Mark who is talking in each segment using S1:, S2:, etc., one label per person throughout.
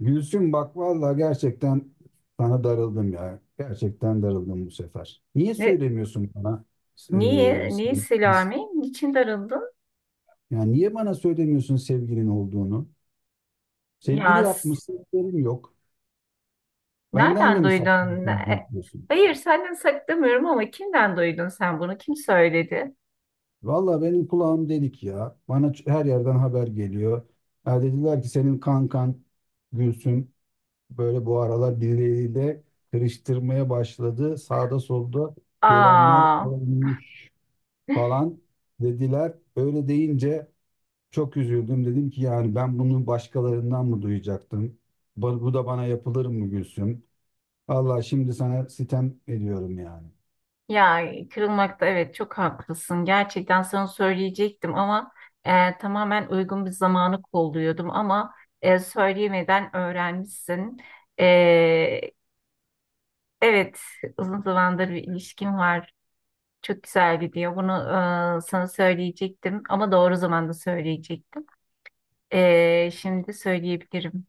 S1: Gülsüm bak vallahi gerçekten sana darıldım ya. Gerçekten darıldım bu sefer. Niye
S2: Ne,
S1: söylemiyorsun bana? e,
S2: niye? Niye
S1: sevgilin-
S2: Selami? Niçin darıldın?
S1: yani niye bana söylemiyorsun sevgilin olduğunu? Sevgili
S2: Yaz.
S1: yapmışsın, haberim yok. Benden de
S2: Nereden
S1: mi
S2: duydun?
S1: saklıyorsun? Diyorsun?
S2: Hayır, senden saklamıyorum ama kimden duydun sen bunu? Kim söyledi?
S1: Vallahi benim kulağım delik ya. Bana her yerden haber geliyor. Ha dediler ki senin kankan Gülsüm böyle bu aralar birileriyle karıştırmaya başladı. Sağda solda görenler
S2: Aa,
S1: olmuş falan dediler. Öyle deyince çok üzüldüm. Dedim ki yani ben bunu başkalarından mı duyacaktım? Bu da bana yapılır mı Gülsüm? Allah şimdi sana sitem ediyorum yani.
S2: ya kırılmakta evet çok haklısın. Gerçekten sana söyleyecektim ama tamamen uygun bir zamanı kolluyordum ama söyleyemeden öğrenmişsin. E, evet, uzun zamandır bir ilişkim var. Çok güzel gidiyor. Bunu sana söyleyecektim ama doğru zamanda söyleyecektim. Şimdi söyleyebilirim.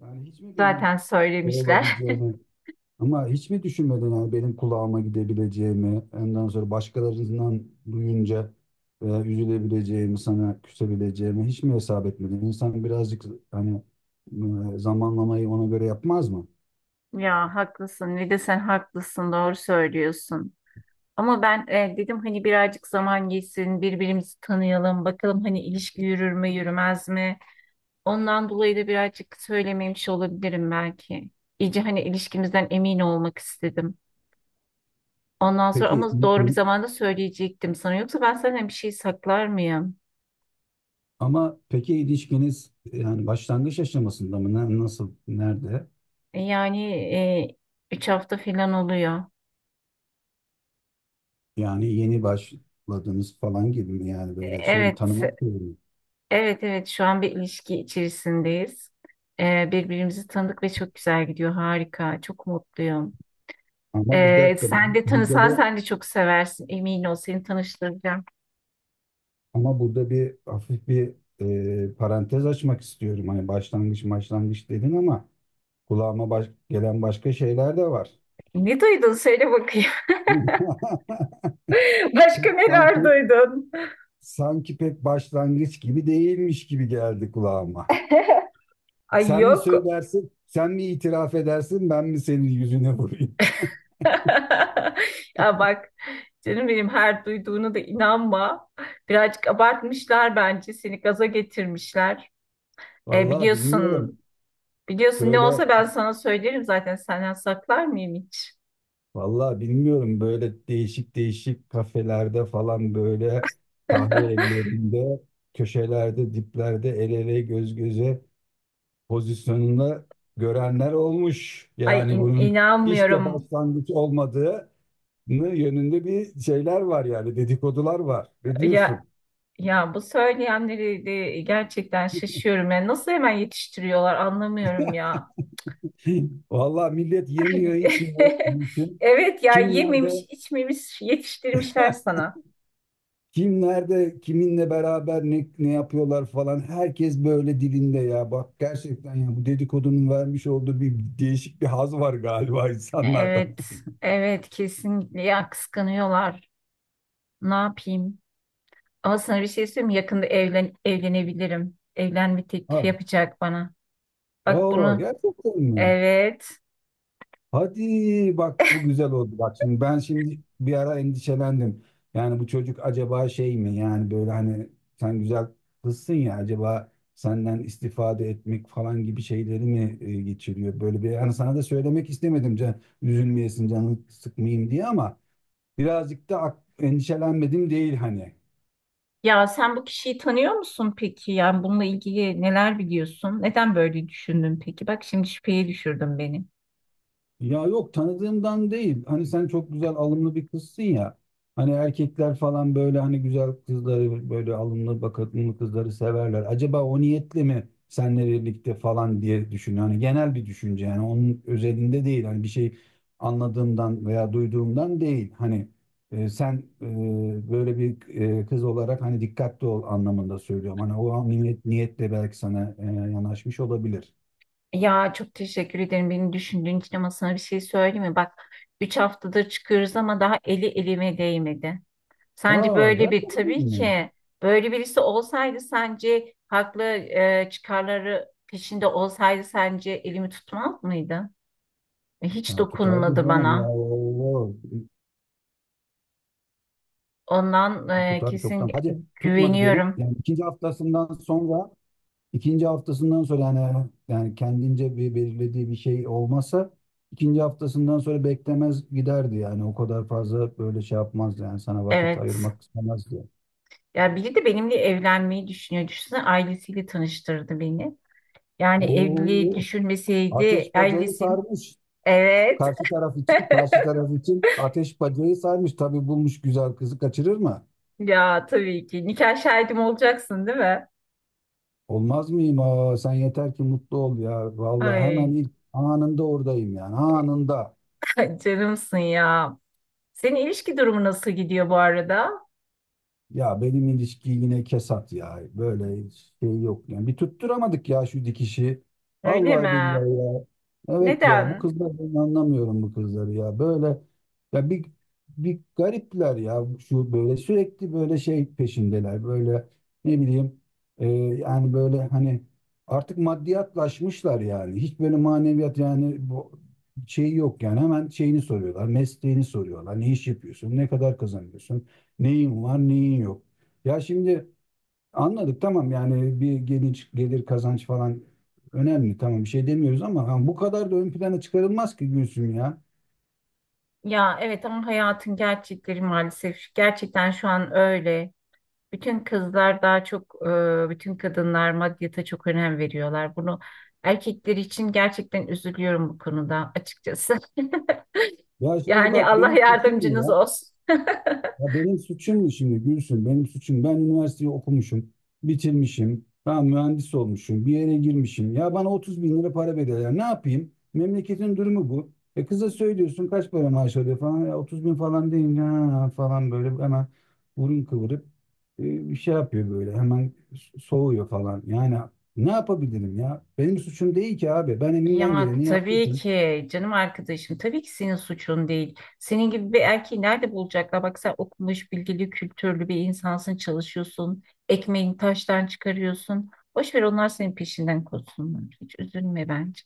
S1: Yani hiç mi benim
S2: Zaten söylemişler.
S1: olabileceğini ama hiç mi düşünmedin yani benim kulağıma gidebileceğimi, ondan sonra başkalarından duyunca üzülebileceğimi, sana küsebileceğimi hiç mi hesap etmedin? İnsan birazcık hani zamanlamayı ona göre yapmaz mı?
S2: Ya haklısın. Bir de sen haklısın. Doğru söylüyorsun. Ama ben dedim hani birazcık zaman geçsin, birbirimizi tanıyalım, bakalım hani ilişki yürür mü, yürümez mi? Ondan dolayı da birazcık söylememiş olabilirim belki. İyice hani ilişkimizden emin olmak istedim. Ondan sonra
S1: Peki
S2: ama doğru bir zamanda söyleyecektim sana. Yoksa ben senden bir şey saklar mıyım?
S1: Ama peki ilişkiniz yani başlangıç aşamasında mı? Nasıl? Nerede?
S2: Yani üç hafta falan oluyor.
S1: Yani yeni başladınız falan gibi mi? Yani
S2: E,
S1: böyle şey mi?
S2: Evet,
S1: Tanımak gibi mi?
S2: evet, evet. Şu an bir ilişki içerisindeyiz. Birbirimizi tanıdık ve çok güzel gidiyor. Harika, çok mutluyum.
S1: Ama bir dakika
S2: Sen de
S1: burada
S2: tanısan
S1: da
S2: sen de çok seversin. Emin ol, seni tanıştıracağım.
S1: ama burada bir hafif bir parantez açmak istiyorum. Hani başlangıç başlangıç dedin ama kulağıma gelen başka şeyler de var.
S2: Ne duydun? Söyle bakayım. Başka neler
S1: Sanki
S2: duydun?
S1: sanki pek başlangıç gibi değilmiş gibi geldi kulağıma.
S2: Ay
S1: Sen mi
S2: yok.
S1: söylersin, sen mi itiraf edersin, ben mi senin yüzüne vurayım?
S2: Ya bak canım benim her duyduğunu da inanma. Birazcık abartmışlar bence. Seni gaza getirmişler.
S1: Vallahi
S2: Biliyorsun,
S1: bilmiyorum.
S2: biliyorsun ne
S1: Böyle,
S2: olsa ben sana söylerim zaten senden saklar mıyım hiç?
S1: vallahi bilmiyorum. Böyle değişik değişik kafelerde falan böyle kahve evlerinde, köşelerde, diplerde el ele göz göze pozisyonunda görenler olmuş.
S2: Ay
S1: Yani bunun hiç de
S2: inanmıyorum.
S1: başlangıç olmadığı yönünde bir şeyler var yani dedikodular var. Ne
S2: Ya
S1: diyorsun?
S2: ya bu söyleyenleri de gerçekten şaşıyorum. Yani nasıl hemen yetiştiriyorlar anlamıyorum ya.
S1: Vallahi millet yemiyor, içmiyor. Mümkün.
S2: Evet ya
S1: Kim
S2: yememiş,
S1: nerede?
S2: içmemiş yetiştirmişler sana.
S1: Kim nerede, kiminle beraber ne yapıyorlar falan. Herkes böyle dilinde ya. Bak gerçekten ya bu dedikodunun vermiş olduğu bir değişik bir haz var galiba insanlarda.
S2: Evet, evet kesinlikle ya kıskanıyorlar. Ne yapayım? Ama sana bir şey söyleyeyim mi? Yakında evlenebilirim. Evlenme teklifi
S1: Ha.
S2: yapacak bana. Bak
S1: Oo
S2: bunu
S1: gerçekten mi?
S2: evet.
S1: Hadi bak bu güzel oldu. Bak şimdi ben şimdi bir ara endişelendim. Yani bu çocuk acaba şey mi? Yani böyle hani sen güzel kızsın ya acaba senden istifade etmek falan gibi şeyleri mi geçiriyor? Böyle bir hani sana da söylemek istemedim can üzülmeyesin canını sıkmayayım diye ama birazcık da endişelenmedim değil hani.
S2: Ya sen bu kişiyi tanıyor musun peki? Yani bununla ilgili neler biliyorsun? Neden böyle düşündün peki? Bak şimdi şüpheye düşürdün beni.
S1: Ya yok tanıdığımdan değil. Hani sen çok güzel alımlı bir kızsın ya. Hani erkekler falan böyle hani güzel kızları böyle alımlı bakımlı kızları severler. Acaba o niyetle mi seninle birlikte falan diye düşünüyor. Hani genel bir düşünce yani onun özelinde değil. Hani bir şey anladığımdan veya duyduğumdan değil. Hani sen böyle bir kız olarak hani dikkatli ol anlamında söylüyorum. Hani o an niyetle belki sana yanaşmış olabilir.
S2: Ya çok teşekkür ederim beni düşündüğün için ama sana bir şey söyleyeyim mi? Bak 3 haftadır çıkıyoruz ama daha eli elime değmedi. Sence
S1: Aa,
S2: böyle bir
S1: gerçekten
S2: tabii
S1: mi?
S2: ki böyle birisi olsaydı sence haklı çıkarları peşinde olsaydı sence elimi tutmaz mıydı? Hiç
S1: Ha, tutar bir
S2: dokunmadı
S1: canım ya
S2: bana.
S1: Allah.
S2: Ondan
S1: Tutar
S2: kesin
S1: çoktan. Hadi tutmadı diyelim.
S2: güveniyorum.
S1: Yani ikinci haftasından sonra yani kendince bir belirlediği bir şey olmasa ikinci haftasından sonra beklemez giderdi yani o kadar fazla böyle şey yapmazdı yani sana vakit
S2: Evet.
S1: ayırmak istemezdi.
S2: Ya biri de benimle evlenmeyi düşünüyor. Düşünsene ailesiyle tanıştırdı beni. Yani evliliği
S1: Oo,
S2: düşünmeseydi
S1: ateş bacayı
S2: ailesi.
S1: sarmış.
S2: Evet.
S1: Karşı taraf için, karşı taraf için ateş bacayı sarmış. Tabii bulmuş güzel kızı kaçırır mı?
S2: Ya tabii ki. Nikah şahidim olacaksın değil mi?
S1: Olmaz mıyım? Aa, sen yeter ki mutlu ol ya. Vallahi hemen
S2: Ay
S1: ilk anında oradayım yani. Anında.
S2: canımsın ya. Senin ilişki durumu nasıl gidiyor bu arada?
S1: Ya benim ilişki yine kesat ya. Böyle şey yok. Yani bir tutturamadık ya şu dikişi.
S2: Öyle
S1: Vallahi billahi
S2: mi?
S1: ya. Evet ya bu
S2: Neden?
S1: kızlar ben anlamıyorum bu kızları ya. Böyle ya bir garipler ya şu böyle sürekli böyle şey peşindeler. Böyle ne bileyim yani böyle hani artık maddiyatlaşmışlar yani. Hiç böyle maneviyat yani bu şey yok yani. Hemen şeyini soruyorlar, mesleğini soruyorlar. Ne iş yapıyorsun? Ne kadar kazanıyorsun? Neyin var, neyin yok. Ya şimdi anladık tamam yani bir gelir kazanç falan önemli tamam bir şey demiyoruz ama ha, bu kadar da ön plana çıkarılmaz ki Gülsüm ya.
S2: Ya evet ama hayatın gerçekleri maalesef gerçekten şu an öyle. Bütün kızlar daha çok, bütün kadınlar maddiyata çok önem veriyorlar. Bunu erkekler için gerçekten üzülüyorum bu konuda açıkçası.
S1: Ya şimdi
S2: Yani
S1: bak
S2: Allah
S1: benim suçum mu ya?
S2: yardımcınız olsun.
S1: Ya benim suçum mu şimdi Gülsün? Benim suçum. Ben üniversiteyi okumuşum, bitirmişim. Ben mühendis olmuşum, bir yere girmişim. Ya bana 30 bin lira para bedel. Ne yapayım? Memleketin durumu bu. E kıza söylüyorsun kaç para maaş alıyor falan. Ya 30 bin falan deyince ha, falan böyle hemen burun kıvırıp bir şey yapıyor böyle. Hemen soğuyor falan. Yani ne yapabilirim ya? Benim suçum değil ki abi. Ben elimden
S2: Ya
S1: geleni yaptım.
S2: tabii ki canım arkadaşım tabii ki senin suçun değil. Senin gibi bir erkeği nerede bulacaklar? Bak sen okumuş, bilgili, kültürlü bir insansın, çalışıyorsun. Ekmeğini taştan çıkarıyorsun. Boş ver onlar senin peşinden koşsunlar. Hiç üzülme bence.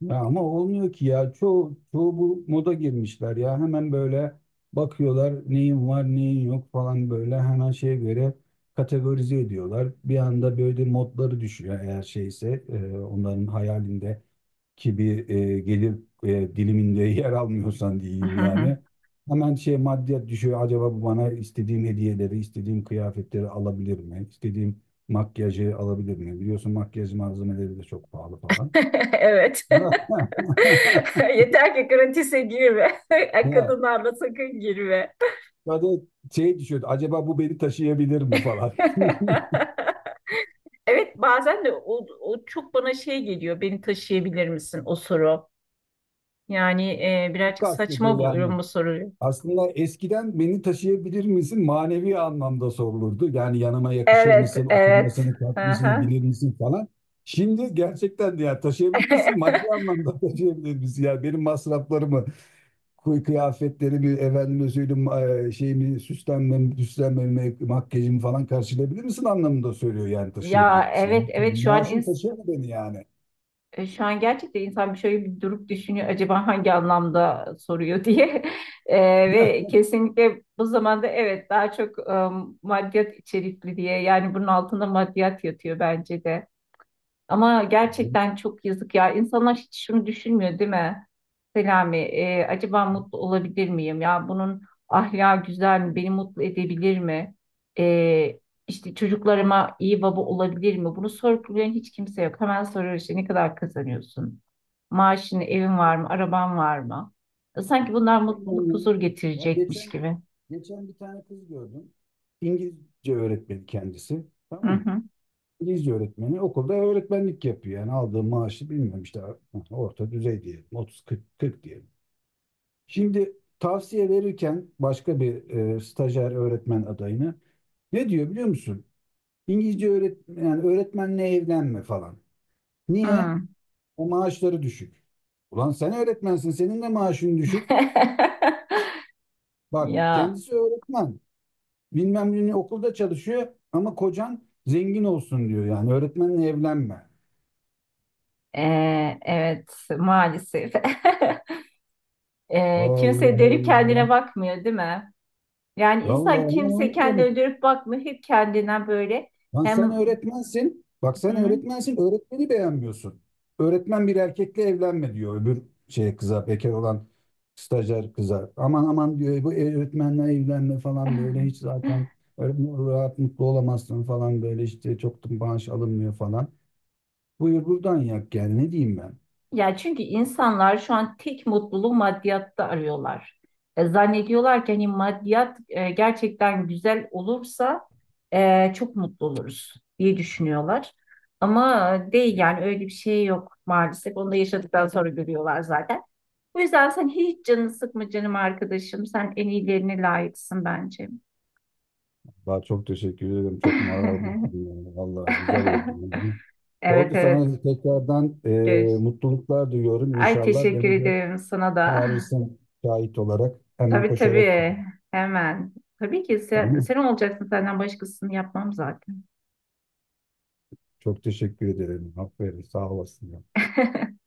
S1: Ya ama olmuyor ki ya. Çoğu bu moda girmişler ya. Hemen böyle bakıyorlar neyin var neyin yok falan böyle hemen şeye göre kategorize ediyorlar. Bir anda böyle modları düşüyor eğer şeyse onların hayalindeki bir gelir diliminde yer almıyorsan diyeyim yani. Hemen şey maddiyat düşüyor. Acaba bu bana istediğim hediyeleri, istediğim kıyafetleri alabilir mi? İstediğim makyajı alabilir mi? Biliyorsun makyaj malzemeleri de çok pahalı falan.
S2: Evet. Yeter ki gratis'e girme.
S1: Ya,
S2: Kadınlarla sakın girme.
S1: ya da şey düşüyordu. Acaba bu beni taşıyabilir mi falan.
S2: Evet bazen de o çok bana şey geliyor. Beni taşıyabilir misin o soru? Yani
S1: Bu
S2: birazcık
S1: kastediyor
S2: saçma
S1: yani.
S2: buluyorum bu soruyu.
S1: Aslında eskiden beni taşıyabilir misin manevi anlamda sorulurdu. Yani yanıma yakışır
S2: Evet,
S1: mısın,
S2: evet.
S1: oturmasını, kalkmasını
S2: Aha.
S1: bilir misin falan. Şimdi gerçekten de ya taşıyabilir misin? Maddi anlamda taşıyabilir misin? Yani benim masraflarımı, kıyafetleri bir efendime söyleyeyim şeyimi süslenmemi, makyajımı falan karşılayabilir misin anlamında söylüyor yani taşıyabilir
S2: Ya
S1: misin?
S2: evet
S1: Yani tabii
S2: evet
S1: maaşın taşıyamıyor beni yani.
S2: şu an gerçekten insan bir şöyle bir durup düşünüyor acaba hangi anlamda soruyor diye. E,
S1: Heh.
S2: ve kesinlikle bu zamanda evet daha çok maddiyat içerikli diye yani bunun altında maddiyat yatıyor bence de. Ama gerçekten çok yazık ya. İnsanlar hiç şunu düşünmüyor değil mi? Selami, acaba mutlu olabilir miyim? Ya bunun ahlakı güzel mi? Beni mutlu edebilir mi? E, işte çocuklarıma iyi baba olabilir mi? Bunu sorgulayan hiç kimse yok. Hemen soruyor işte ne kadar kazanıyorsun? Maaşın, evin var mı? Araban var mı? Sanki bunlar
S1: Aynen
S2: mutluluk,
S1: ya.
S2: huzur
S1: Ya
S2: getirecekmiş
S1: geçen
S2: gibi.
S1: geçen bir tane kız gördüm. İngilizce öğretmeni kendisi.
S2: Hı
S1: Tamam mı?
S2: hı.
S1: İngilizce öğretmeni okulda öğretmenlik yapıyor. Yani aldığı maaşı bilmiyorum işte orta düzey diyelim. 30-40, 40 diyelim. Şimdi tavsiye verirken başka bir stajyer öğretmen adayını. Ne diyor biliyor musun? İngilizce öğretmen, yani öğretmenle evlenme falan. Niye?
S2: Hı.
S1: O maaşları düşük. Ulan sen öğretmensin, senin de maaşın düşük. Bak
S2: Ya
S1: kendisi öğretmen. Bilmem ne okulda çalışıyor ama kocan zengin olsun diyor yani öğretmenle evlenme.
S2: evet maalesef. Kimse
S1: Allah
S2: dönüp kendine
S1: Allah.
S2: bakmıyor, değil mi? Yani
S1: Allah
S2: insan kimse
S1: Allah.
S2: kendine dönüp bakmıyor, hep kendine böyle.
S1: Lan sen
S2: Hem
S1: öğretmensin. Bak sen
S2: hı.
S1: öğretmensin. Öğretmeni beğenmiyorsun. Öğretmen bir erkekle evlenme diyor öbür şey kıza bekar olan stajyer kıza. Aman aman diyor bu öğretmenle evlenme falan böyle hiç zaten öğretmen rahat mutlu olamazsın falan böyle işte çok da maaş alınmıyor falan. Buyur buradan yak yani ne diyeyim ben.
S2: Ya çünkü insanlar şu an tek mutluluğu maddiyatta arıyorlar. Zannediyorlar ki hani maddiyat gerçekten güzel olursa çok mutlu oluruz diye düşünüyorlar. Ama değil yani öyle bir şey yok maalesef. Onu da yaşadıktan sonra görüyorlar zaten. O yüzden sen hiç canını sıkma canım arkadaşım. Sen en iyilerine layıksın bence.
S1: Daha çok teşekkür ederim. Çok moral buldum yani. Vallahi güzel oldu.
S2: Evet
S1: Oldu
S2: evet.
S1: sana tekrardan
S2: Görüş.
S1: mutluluklar diliyorum.
S2: Ay
S1: İnşallah
S2: teşekkür
S1: benim de
S2: ederim sana da.
S1: çağırırsın şahit olarak hemen
S2: Tabii
S1: koşarak gitti
S2: tabii. Hemen. Tabii ki
S1: ama
S2: sen olacaksın senden başkasını yapmam zaten.
S1: çok teşekkür ederim. Aferin sağ olasın ya.